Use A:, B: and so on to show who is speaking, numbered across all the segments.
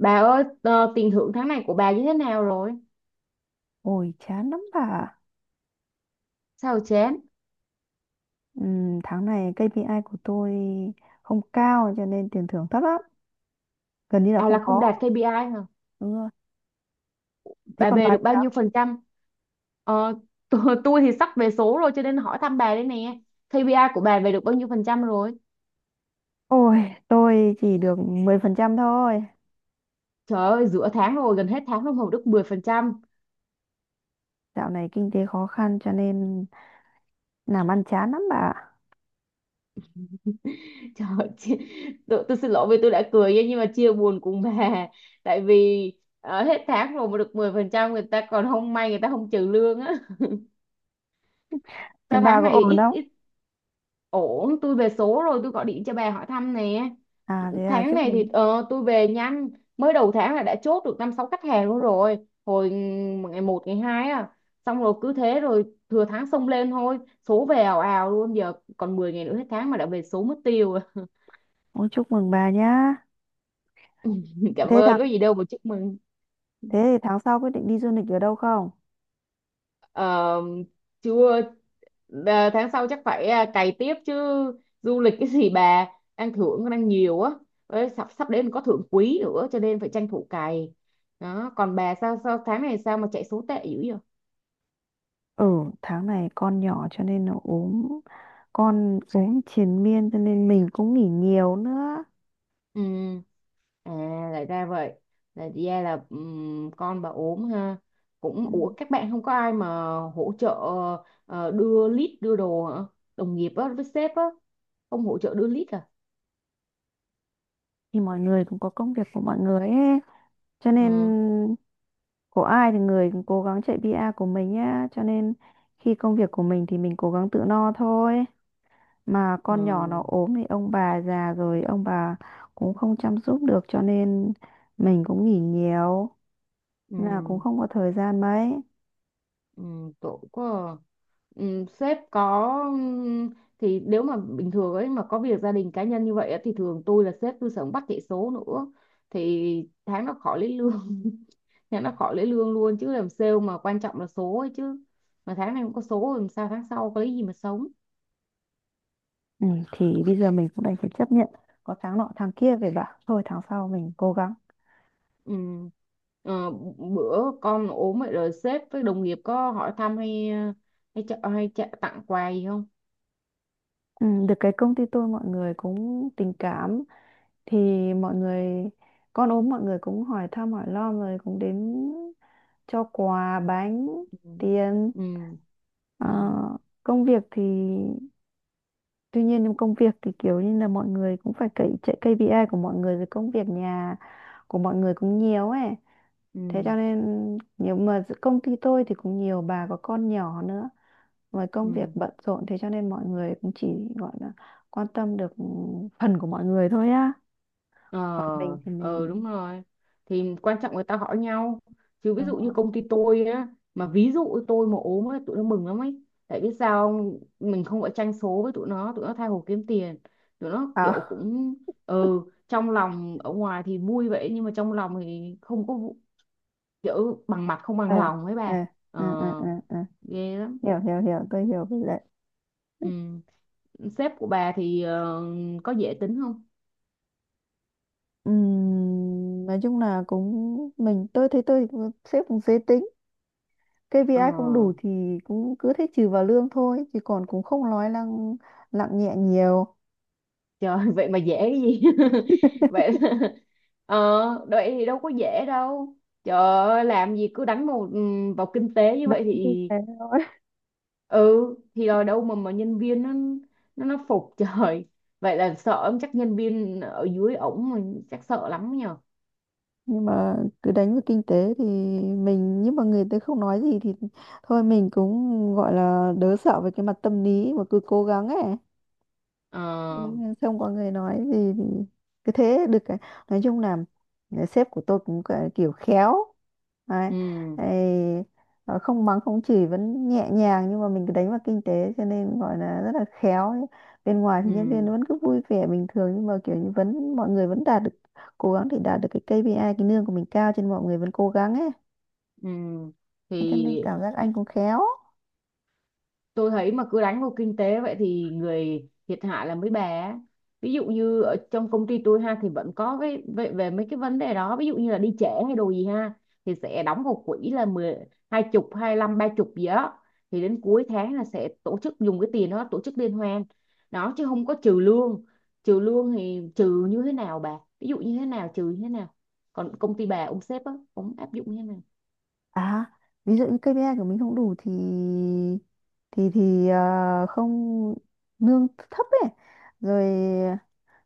A: Bà ơi, tiền thưởng tháng này của bà như thế nào rồi?
B: Ôi chán lắm bà ạ.
A: Sao chán?
B: Tháng này KPI của tôi không cao cho nên tiền thưởng thấp lắm, gần như là
A: À
B: không
A: là không
B: có.
A: đạt KPI hả?
B: Đúng rồi. Thế
A: Bà
B: còn bà
A: về được
B: thì
A: bao
B: sao?
A: nhiêu phần trăm? Ờ, tôi thì sắp về số rồi cho nên hỏi thăm bà đây nè. KPI của bà về được bao nhiêu phần trăm rồi?
B: Ôi, tôi chỉ được 10% thôi.
A: Trời ơi, giữa tháng rồi, gần hết tháng rồi mà được 10%.
B: Dạo này kinh tế khó khăn cho nên làm ăn chán lắm bà ạ.
A: Trời ơi, tôi xin lỗi vì tôi đã cười nha, nhưng mà chia buồn cùng bà. Tại vì hết tháng rồi mà được 10%, người ta còn không may người ta không trừ lương á.
B: Thế
A: Sao
B: bà
A: tháng
B: có
A: này
B: ổn
A: ít
B: không?
A: ít? Ổn, tôi về số rồi, tôi gọi điện cho bà hỏi thăm nè.
B: À, thế à?
A: Tháng
B: Chúc
A: này
B: mừng.
A: thì tôi về nhanh, mới đầu tháng là đã chốt được năm sáu khách hàng luôn rồi, hồi ngày một ngày hai à, xong rồi cứ thế rồi thừa tháng xông lên thôi. Số về ào ào luôn, giờ còn 10 ngày nữa hết tháng mà đã về số mất tiêu rồi.
B: Ôi chúc mừng bà nhá.
A: Cảm
B: thế
A: ơn,
B: tháng
A: có gì đâu mà chúc mừng.
B: Thế thì tháng sau quyết định đi du lịch ở đâu không?
A: Ờ, Chưa. À, tháng sau chắc phải, à, cày tiếp chứ, du lịch cái gì bà, đang thưởng còn đang nhiều á. Đấy, sắp sắp đến có thưởng quý nữa cho nên phải tranh thủ cày đó. Còn bà sao sao tháng này sao mà chạy số tệ dữ vậy?
B: Ừ, tháng này con nhỏ cho nên nó ốm, con ốm triền miên cho nên mình cũng nghỉ nhiều nữa.
A: Ừ. À, lại ra vậy. Là ra là con bà ốm ha. Cũng ủa các bạn không có ai mà hỗ trợ đưa lít đưa đồ hả? Đồng nghiệp á với sếp á không hỗ trợ đưa lít à?
B: Thì mọi người cũng có công việc của mọi người ấy, cho nên
A: Ừ,
B: của ai thì người cũng cố gắng chạy PR của mình nhá. Cho nên khi công việc của mình thì mình cố gắng tự no thôi. Mà
A: ừ,
B: con nhỏ nó ốm thì ông bà già rồi, ông bà cũng không chăm giúp được cho nên mình cũng nghỉ nhiều,
A: ừ,
B: là cũng không có thời gian mấy.
A: ừ, tội quá. À. Ừ, sếp có thì nếu mà bình thường ấy mà có việc gia đình cá nhân như vậy á, thì thường tôi là sếp tôi sống bắt chạy số nữa thì tháng nó khỏi lấy lương tháng nó khỏi lấy lương luôn chứ làm sale mà quan trọng là số ấy chứ, mà tháng này không có số làm sao tháng sau có lấy gì mà sống.
B: Ừ, thì bây giờ mình cũng đành phải chấp nhận, có tháng nọ tháng kia về bảo thôi tháng sau mình cố gắng.
A: Ừ. Ờ, Bữa con ốm vậy rồi sếp với đồng nghiệp có hỏi thăm hay ờ, hay, cho- tặng quà gì không?
B: Ừ, được cái công ty tôi mọi người cũng tình cảm, thì mọi người, con ốm mọi người cũng hỏi thăm hỏi lo rồi cũng đến cho quà bánh,
A: Ừ.
B: tiền.
A: Ừ. Ừ.
B: Ờ, công việc thì tuy nhiên nhưng công việc thì kiểu như là mọi người cũng phải cậy chạy KPI của mọi người, rồi công việc nhà của mọi người cũng nhiều ấy, thế cho
A: Ừ.
B: nên nhiều, mà giữa công ty tôi thì cũng nhiều bà có con nhỏ nữa, với công việc
A: Ừ.
B: bận rộn thế cho nên mọi người cũng chỉ gọi là quan tâm được phần của mọi người thôi á.
A: Ờ,
B: Còn mình thì mình,
A: Đúng rồi. Thì quan trọng người ta hỏi nhau. Chứ ví
B: đúng
A: dụ như
B: không?
A: công ty tôi á, mà ví dụ tôi mà ốm ấy, tụi nó mừng lắm ấy. Tại biết sao không? Mình không phải tranh số với tụi nó tha hồ kiếm tiền. Tụi nó kiểu
B: À,
A: cũng, ừ, trong lòng ở ngoài thì vui vậy nhưng mà trong lòng thì không có kiểu bằng mặt không bằng
B: ừ,
A: lòng ấy
B: ừ,
A: bà. Ờ,
B: ừ, ừ, ừ, ừ.
A: Ghê lắm.
B: Hiểu, hiểu, hiểu, tôi hiểu. Với lại
A: Ừ. Sếp của bà thì có dễ tính không?
B: Nói chung là cũng mình, tôi thấy sếp cũng dễ tính.
A: Ờ.
B: KPI không đủ thì cũng cứ thế trừ vào lương thôi, chứ còn cũng không nói năng nặng nhẹ nhiều.
A: Trời, vậy mà dễ cái gì? vậy là- ờ Vậy thì đâu có dễ đâu, trời ơi, làm gì cứ đánh vào vào kinh tế như
B: Đấy,
A: vậy
B: như
A: thì
B: thế thôi.
A: ừ, thì rồi đâu mà nhân viên nó phục trời, vậy là sợ ông chắc, nhân viên ở dưới ổng mà chắc sợ lắm nhờ.
B: Nhưng mà cứ đánh vào kinh tế thì mình, nhưng mà người ta không nói gì thì thôi, mình cũng gọi là đỡ sợ về cái mặt tâm lý mà cứ cố gắng ấy,
A: Ờ.
B: nên không có người nói gì thì cứ thế được cả. Nói chung là sếp của tôi kiểu khéo đấy.
A: Ừ,
B: Ấy, không mắng không chửi, vẫn nhẹ nhàng nhưng mà mình cứ đánh vào kinh tế cho nên gọi là rất là khéo ấy. Bên ngoài thì nhân viên
A: ừ,
B: vẫn cứ vui vẻ bình thường, nhưng mà kiểu như vẫn mọi người vẫn đạt được, cố gắng thì đạt được cái KPI, cái lương của mình cao cho nên mọi người vẫn cố gắng ấy.
A: ừ. Thì
B: Thế cho nên cảm giác anh cũng khéo.
A: tôi thấy mà cứ đánh vào kinh tế vậy thì người thiệt hại là mấy bà á. Ví dụ như ở trong công ty tôi ha thì vẫn có cái về mấy cái vấn đề đó, ví dụ như là đi trễ hay đồ gì ha thì sẽ đóng vào quỹ là 10 20 25 30 gì đó, thì đến cuối tháng là sẽ tổ chức dùng cái tiền đó tổ chức liên hoan đó, chứ không có trừ lương. Trừ lương thì trừ như thế nào bà, ví dụ như thế nào, trừ như thế nào, còn công ty bà ông sếp á ông áp dụng như thế nào?
B: À, ví dụ như KPI của mình không đủ thì không, lương thấp ấy, rồi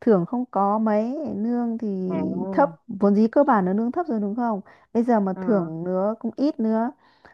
B: thưởng không có mấy, lương thì thấp,
A: À,
B: vốn dĩ cơ bản nó lương thấp rồi đúng không? Bây giờ mà
A: ờ,
B: thưởng nữa cũng ít nữa.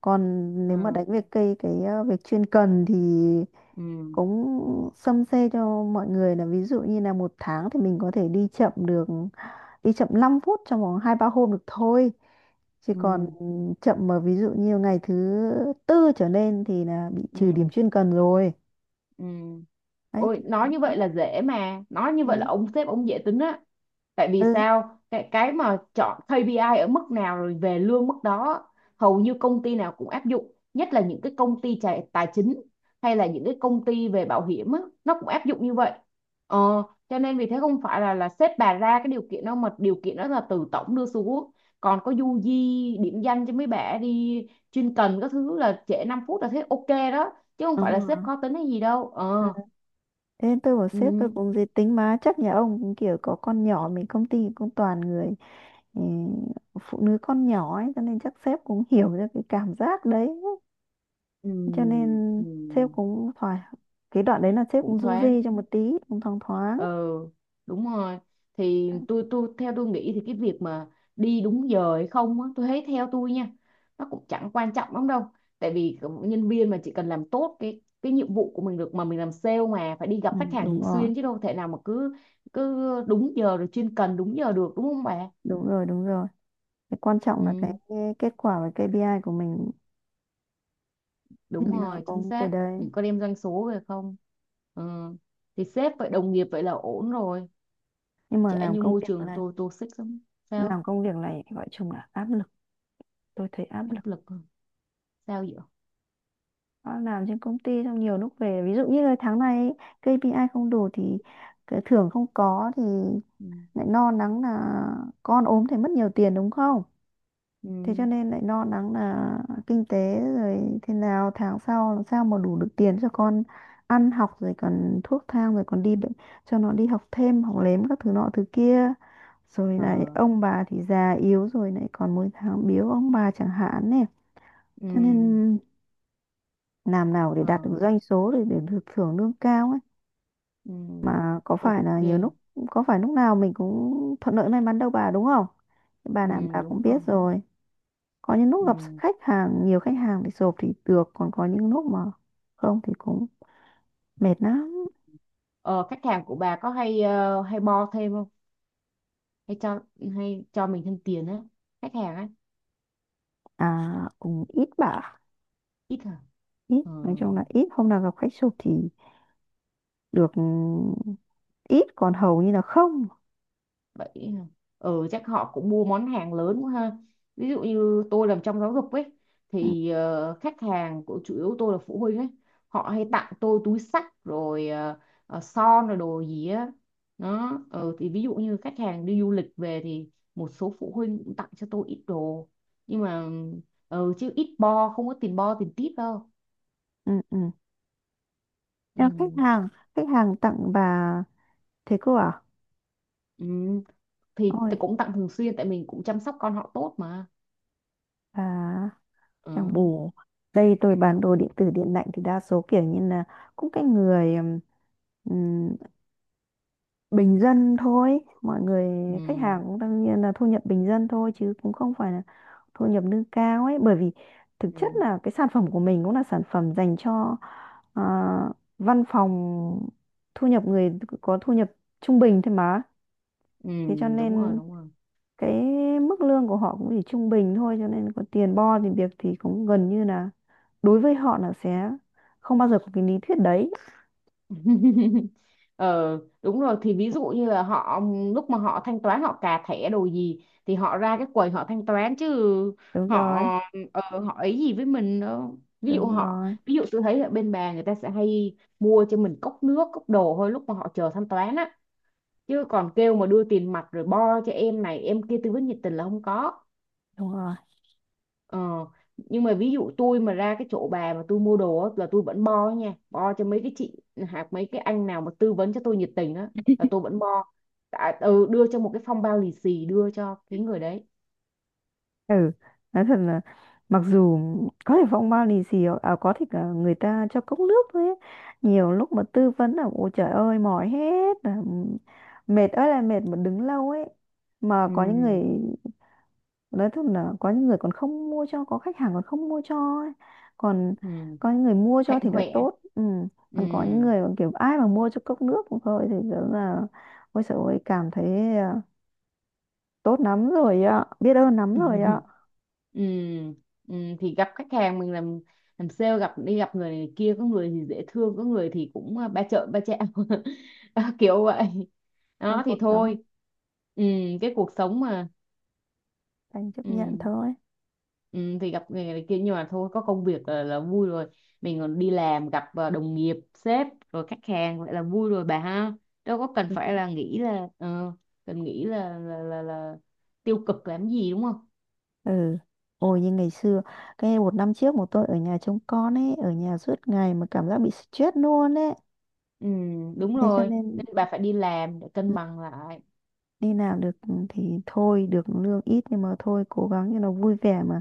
B: Còn nếu mà
A: ừ,
B: đánh về cây cái việc chuyên cần thì
A: ừ,
B: cũng xâm xê cho mọi người là, ví dụ như là một tháng thì mình có thể đi chậm được, đi chậm 5 phút trong vòng hai ba hôm được thôi, chứ còn chậm mà ví dụ như ngày thứ tư trở lên thì là bị trừ điểm
A: ừ.
B: chuyên cần rồi.
A: Ừ.
B: Đấy,
A: Ôi,
B: kiểu
A: nói
B: như
A: như
B: thế.
A: vậy là dễ mà, nói như vậy
B: Thế-
A: là ông sếp ông dễ tính á, tại vì
B: ừ.
A: sao cái mà chọn KPI ở mức nào rồi về lương mức đó, hầu như công ty nào cũng áp dụng, nhất là những cái công ty tài chính hay là những cái công ty về bảo hiểm á nó cũng áp dụng như vậy. ờ, cho nên vì thế không phải là sếp bà ra cái điều kiện đâu mà điều kiện đó là từ tổng đưa xuống. Còn có du di điểm danh cho mấy bả đi chuyên cần các thứ là trễ 5 phút là thế ok đó, chứ không
B: Đúng
A: phải là
B: rồi.
A: sếp khó tính hay gì đâu.
B: Ờ,
A: Ờ.
B: thế nên tôi bảo sếp tôi
A: Ừ,
B: cũng dễ tính, mà chắc nhà ông cũng kiểu có con nhỏ, mình công ty cũng toàn người, ừ, phụ nữ con nhỏ ấy, cho nên chắc sếp cũng hiểu ra cái cảm giác đấy,
A: ừ,
B: cho nên
A: ừ,
B: sếp cũng thoải, cái đoạn đấy là sếp
A: cũng
B: cũng du di
A: thoáng.
B: cho một tí. Cũng thoáng thoáng.
A: Ừ, đúng rồi thì tôi theo tôi nghĩ thì cái việc mà đi đúng giờ hay không á, tôi thấy theo tôi nha, nó cũng chẳng quan trọng lắm đâu, tại vì cái nhân viên mà chỉ cần làm tốt cái nhiệm vụ của mình được, mà mình làm sale mà phải đi
B: Ừ,
A: gặp khách hàng
B: đúng
A: thường
B: rồi.
A: xuyên chứ đâu thể nào mà cứ cứ đúng giờ rồi chuyên cần đúng giờ được đúng không bà?
B: Đúng rồi, đúng rồi. Cái quan trọng là
A: Ừ,
B: cái kết quả và KPI của mình,
A: đúng
B: nó
A: rồi chính
B: có cái
A: xác,
B: đấy.
A: mình có đem doanh số về không? Ừ. Thì sếp vậy đồng nghiệp vậy là ổn rồi,
B: Nhưng mà
A: chả như môi trường tôi toxic lắm sao,
B: làm công việc này gọi chung là áp lực, tôi thấy áp lực.
A: áp lực à? Sao vậy?
B: Nó làm trên công ty, xong nhiều lúc về ví dụ như là tháng này ấy, KPI không đủ thì cái thưởng không có thì
A: Ừ.
B: lại lo lắng là con ốm thì mất nhiều tiền đúng không. Thế cho
A: Ừ.
B: nên lại lo lắng là kinh tế, rồi thế nào tháng sau làm sao mà đủ được tiền cho con ăn học, rồi còn thuốc thang, rồi còn đi bệnh, cho nó đi học thêm học lếm các thứ nọ thứ kia, rồi
A: Ờ.
B: lại ông bà thì già yếu, rồi lại còn mỗi tháng biếu ông bà chẳng hạn này.
A: Ừ.
B: Cho nên làm nào để
A: Ờ.
B: đạt được doanh số để được thưởng lương cao ấy.
A: Ừ.
B: Mà có phải
A: Ok.
B: là nhiều lúc, có phải lúc nào mình cũng thuận lợi may mắn đâu bà, đúng không? Bà
A: Ừ.
B: làm bà cũng
A: Đúng rồi.
B: biết rồi. Có những lúc gặp
A: Ừ.
B: khách hàng, nhiều khách hàng thì sộp thì được, còn có những lúc mà không thì cũng mệt lắm.
A: ờ, Khách hàng của bà có hay bo thêm không, hay cho hay cho mình thêm tiền á, khách hàng á?
B: À, cũng ít bả.
A: Ít hả?
B: Ít,
A: Ờ.
B: nói chung là ít, hôm nào gặp khách sộp thì được. Ừ, ít, còn hầu như là không.
A: Vậy hả? Ừ, chắc họ cũng mua món hàng lớn quá ha, ví dụ như tôi làm trong giáo dục ấy
B: Ừ,
A: thì khách hàng của chủ yếu tôi là phụ huynh ấy, họ hay tặng tôi túi xách rồi son rồi đồ gì á đó. Ừ, thì ví dụ như khách hàng đi du lịch về thì một số phụ huynh cũng tặng cho tôi ít đồ, nhưng mà, ừ, chứ ít bo, không có tiền bo tiền tip đâu.
B: ừ, ừ.
A: Ừ.
B: Nhưng khách hàng, khách hàng tặng bà thế cô à?
A: Ừ. Thì
B: Ôi
A: tôi cũng tặng thường xuyên tại mình cũng chăm sóc con họ tốt mà.
B: bà,
A: Ừ.
B: chẳng bù, đây tôi bán đồ điện tử điện lạnh thì đa số kiểu như là cũng cái người ừm, bình dân thôi. Mọi người khách
A: Ừ.
B: hàng cũng đương nhiên là thu nhập bình dân thôi, chứ cũng không phải là thu nhập nâng cao ấy, bởi vì thực chất
A: Ừ.
B: là cái sản phẩm của mình cũng là sản phẩm dành cho à, văn phòng, thu nhập người có thu nhập trung bình thôi mà.
A: Ừ,
B: Thế cho
A: đúng rồi,
B: nên
A: đúng rồi.
B: cái mức lương của họ cũng chỉ trung bình thôi, cho nên có tiền bo thì việc thì cũng gần như là đối với họ là sẽ không bao giờ có cái lý thuyết đấy.
A: Ờ Đúng rồi thì ví dụ như là họ lúc mà họ thanh toán, họ cà thẻ đồ gì thì họ ra cái quầy họ thanh toán chứ
B: Đúng
A: họ
B: rồi,
A: họ ấy gì với mình đó,
B: đúng rồi,
A: ví dụ tôi thấy ở bên bà người ta sẽ hay mua cho mình cốc nước cốc đồ thôi lúc mà họ chờ thanh toán á, chứ còn kêu mà đưa tiền mặt rồi bo cho em này em kia tư vấn nhiệt tình là không có.
B: đúng rồi.
A: Ờ, nhưng mà ví dụ tôi mà ra cái chỗ bà mà tôi mua đồ á, là tôi vẫn bo nha, bo cho mấy cái chị hoặc mấy cái anh nào mà tư vấn cho tôi nhiệt tình á là tôi vẫn bo, à, ừ, đưa cho một cái phong bao lì xì đưa cho cái người đấy.
B: Ừ, nói thật là mặc dù có thể phong bao lì xì có thể cả người ta cho cốc nước thôi ấy. Nhiều lúc mà tư vấn là ôi trời ơi, mỏi hết, là mệt ơi là mệt mà đứng lâu ấy. Mà
A: Ừ,
B: có những người, nói thật là có những người còn không mua cho, có khách hàng còn không mua cho ấy. Còn
A: ừ,
B: có những người mua cho
A: hạnh
B: thì đã
A: huệ.
B: tốt. Ừ. Còn có những
A: Ừ.
B: người mà kiểu ai mà mua cho cốc nước cũng thôi thì rất là ôi trời ơi cảm thấy tốt lắm rồi ạ, biết ơn lắm rồi ạ.
A: Ừ, ừ, thì gặp khách hàng mình làm sale gặp đi gặp người này kia, có người thì dễ thương có người thì cũng, à, ba trợn ba trẹo, đó, kiểu vậy
B: Ờ,
A: đó
B: cuộc
A: thì
B: sống,
A: thôi. Ừ, cái cuộc sống mà,
B: anh chấp nhận
A: ừ,
B: thôi.
A: ừ, thì gặp người này kia nhưng mà thôi có công việc là vui rồi, mình còn đi làm gặp, à, đồng nghiệp sếp rồi khách hàng vậy là vui rồi bà ha, đâu có cần
B: Đúng
A: phải
B: rồi.
A: là nghĩ là cần nghĩ là, tiêu cực làm gì đúng không?
B: Ừ, ôi như ngày xưa, cái một năm trước một tôi ở nhà trông con ấy, ở nhà suốt ngày mà cảm giác bị stress luôn ấy.
A: Ừ, đúng
B: Thế cho
A: rồi.
B: nên
A: Nên bà phải đi làm để cân bằng lại.
B: đi làm được thì thôi, được lương ít nhưng mà thôi cố gắng cho nó vui vẻ mà,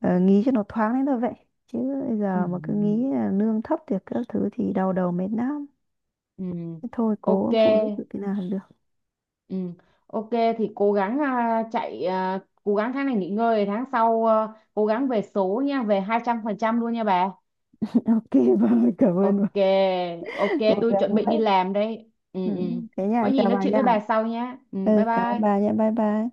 B: ờ, nghĩ cho nó thoáng đến thôi vậy, chứ bây
A: Ừ.
B: giờ mà cứ nghĩ là lương thấp thì các thứ thì đau đầu mệt lắm.
A: Ừ.
B: Thế thôi
A: Ok.
B: cố phụ giúp được thế nào là được.
A: Ừ. Ok thì cố gắng, à, chạy, à, cố gắng tháng này nghỉ ngơi tháng sau, à, cố gắng về số nha, về 200% luôn nha bà.
B: Ok vâng cảm ơn, vâng.
A: Ok. Ok,
B: Cố
A: tôi
B: gắng
A: chuẩn bị đi
B: vậy.
A: làm đây. Ừ,
B: Ừ,
A: ừ.
B: thế
A: Có
B: nha,
A: gì
B: chào
A: nói
B: bà
A: chuyện
B: nha.
A: với bà sau nhé. Ừ,
B: Ừ,
A: bye
B: cảm ơn bà
A: bye.
B: nha, bye bye.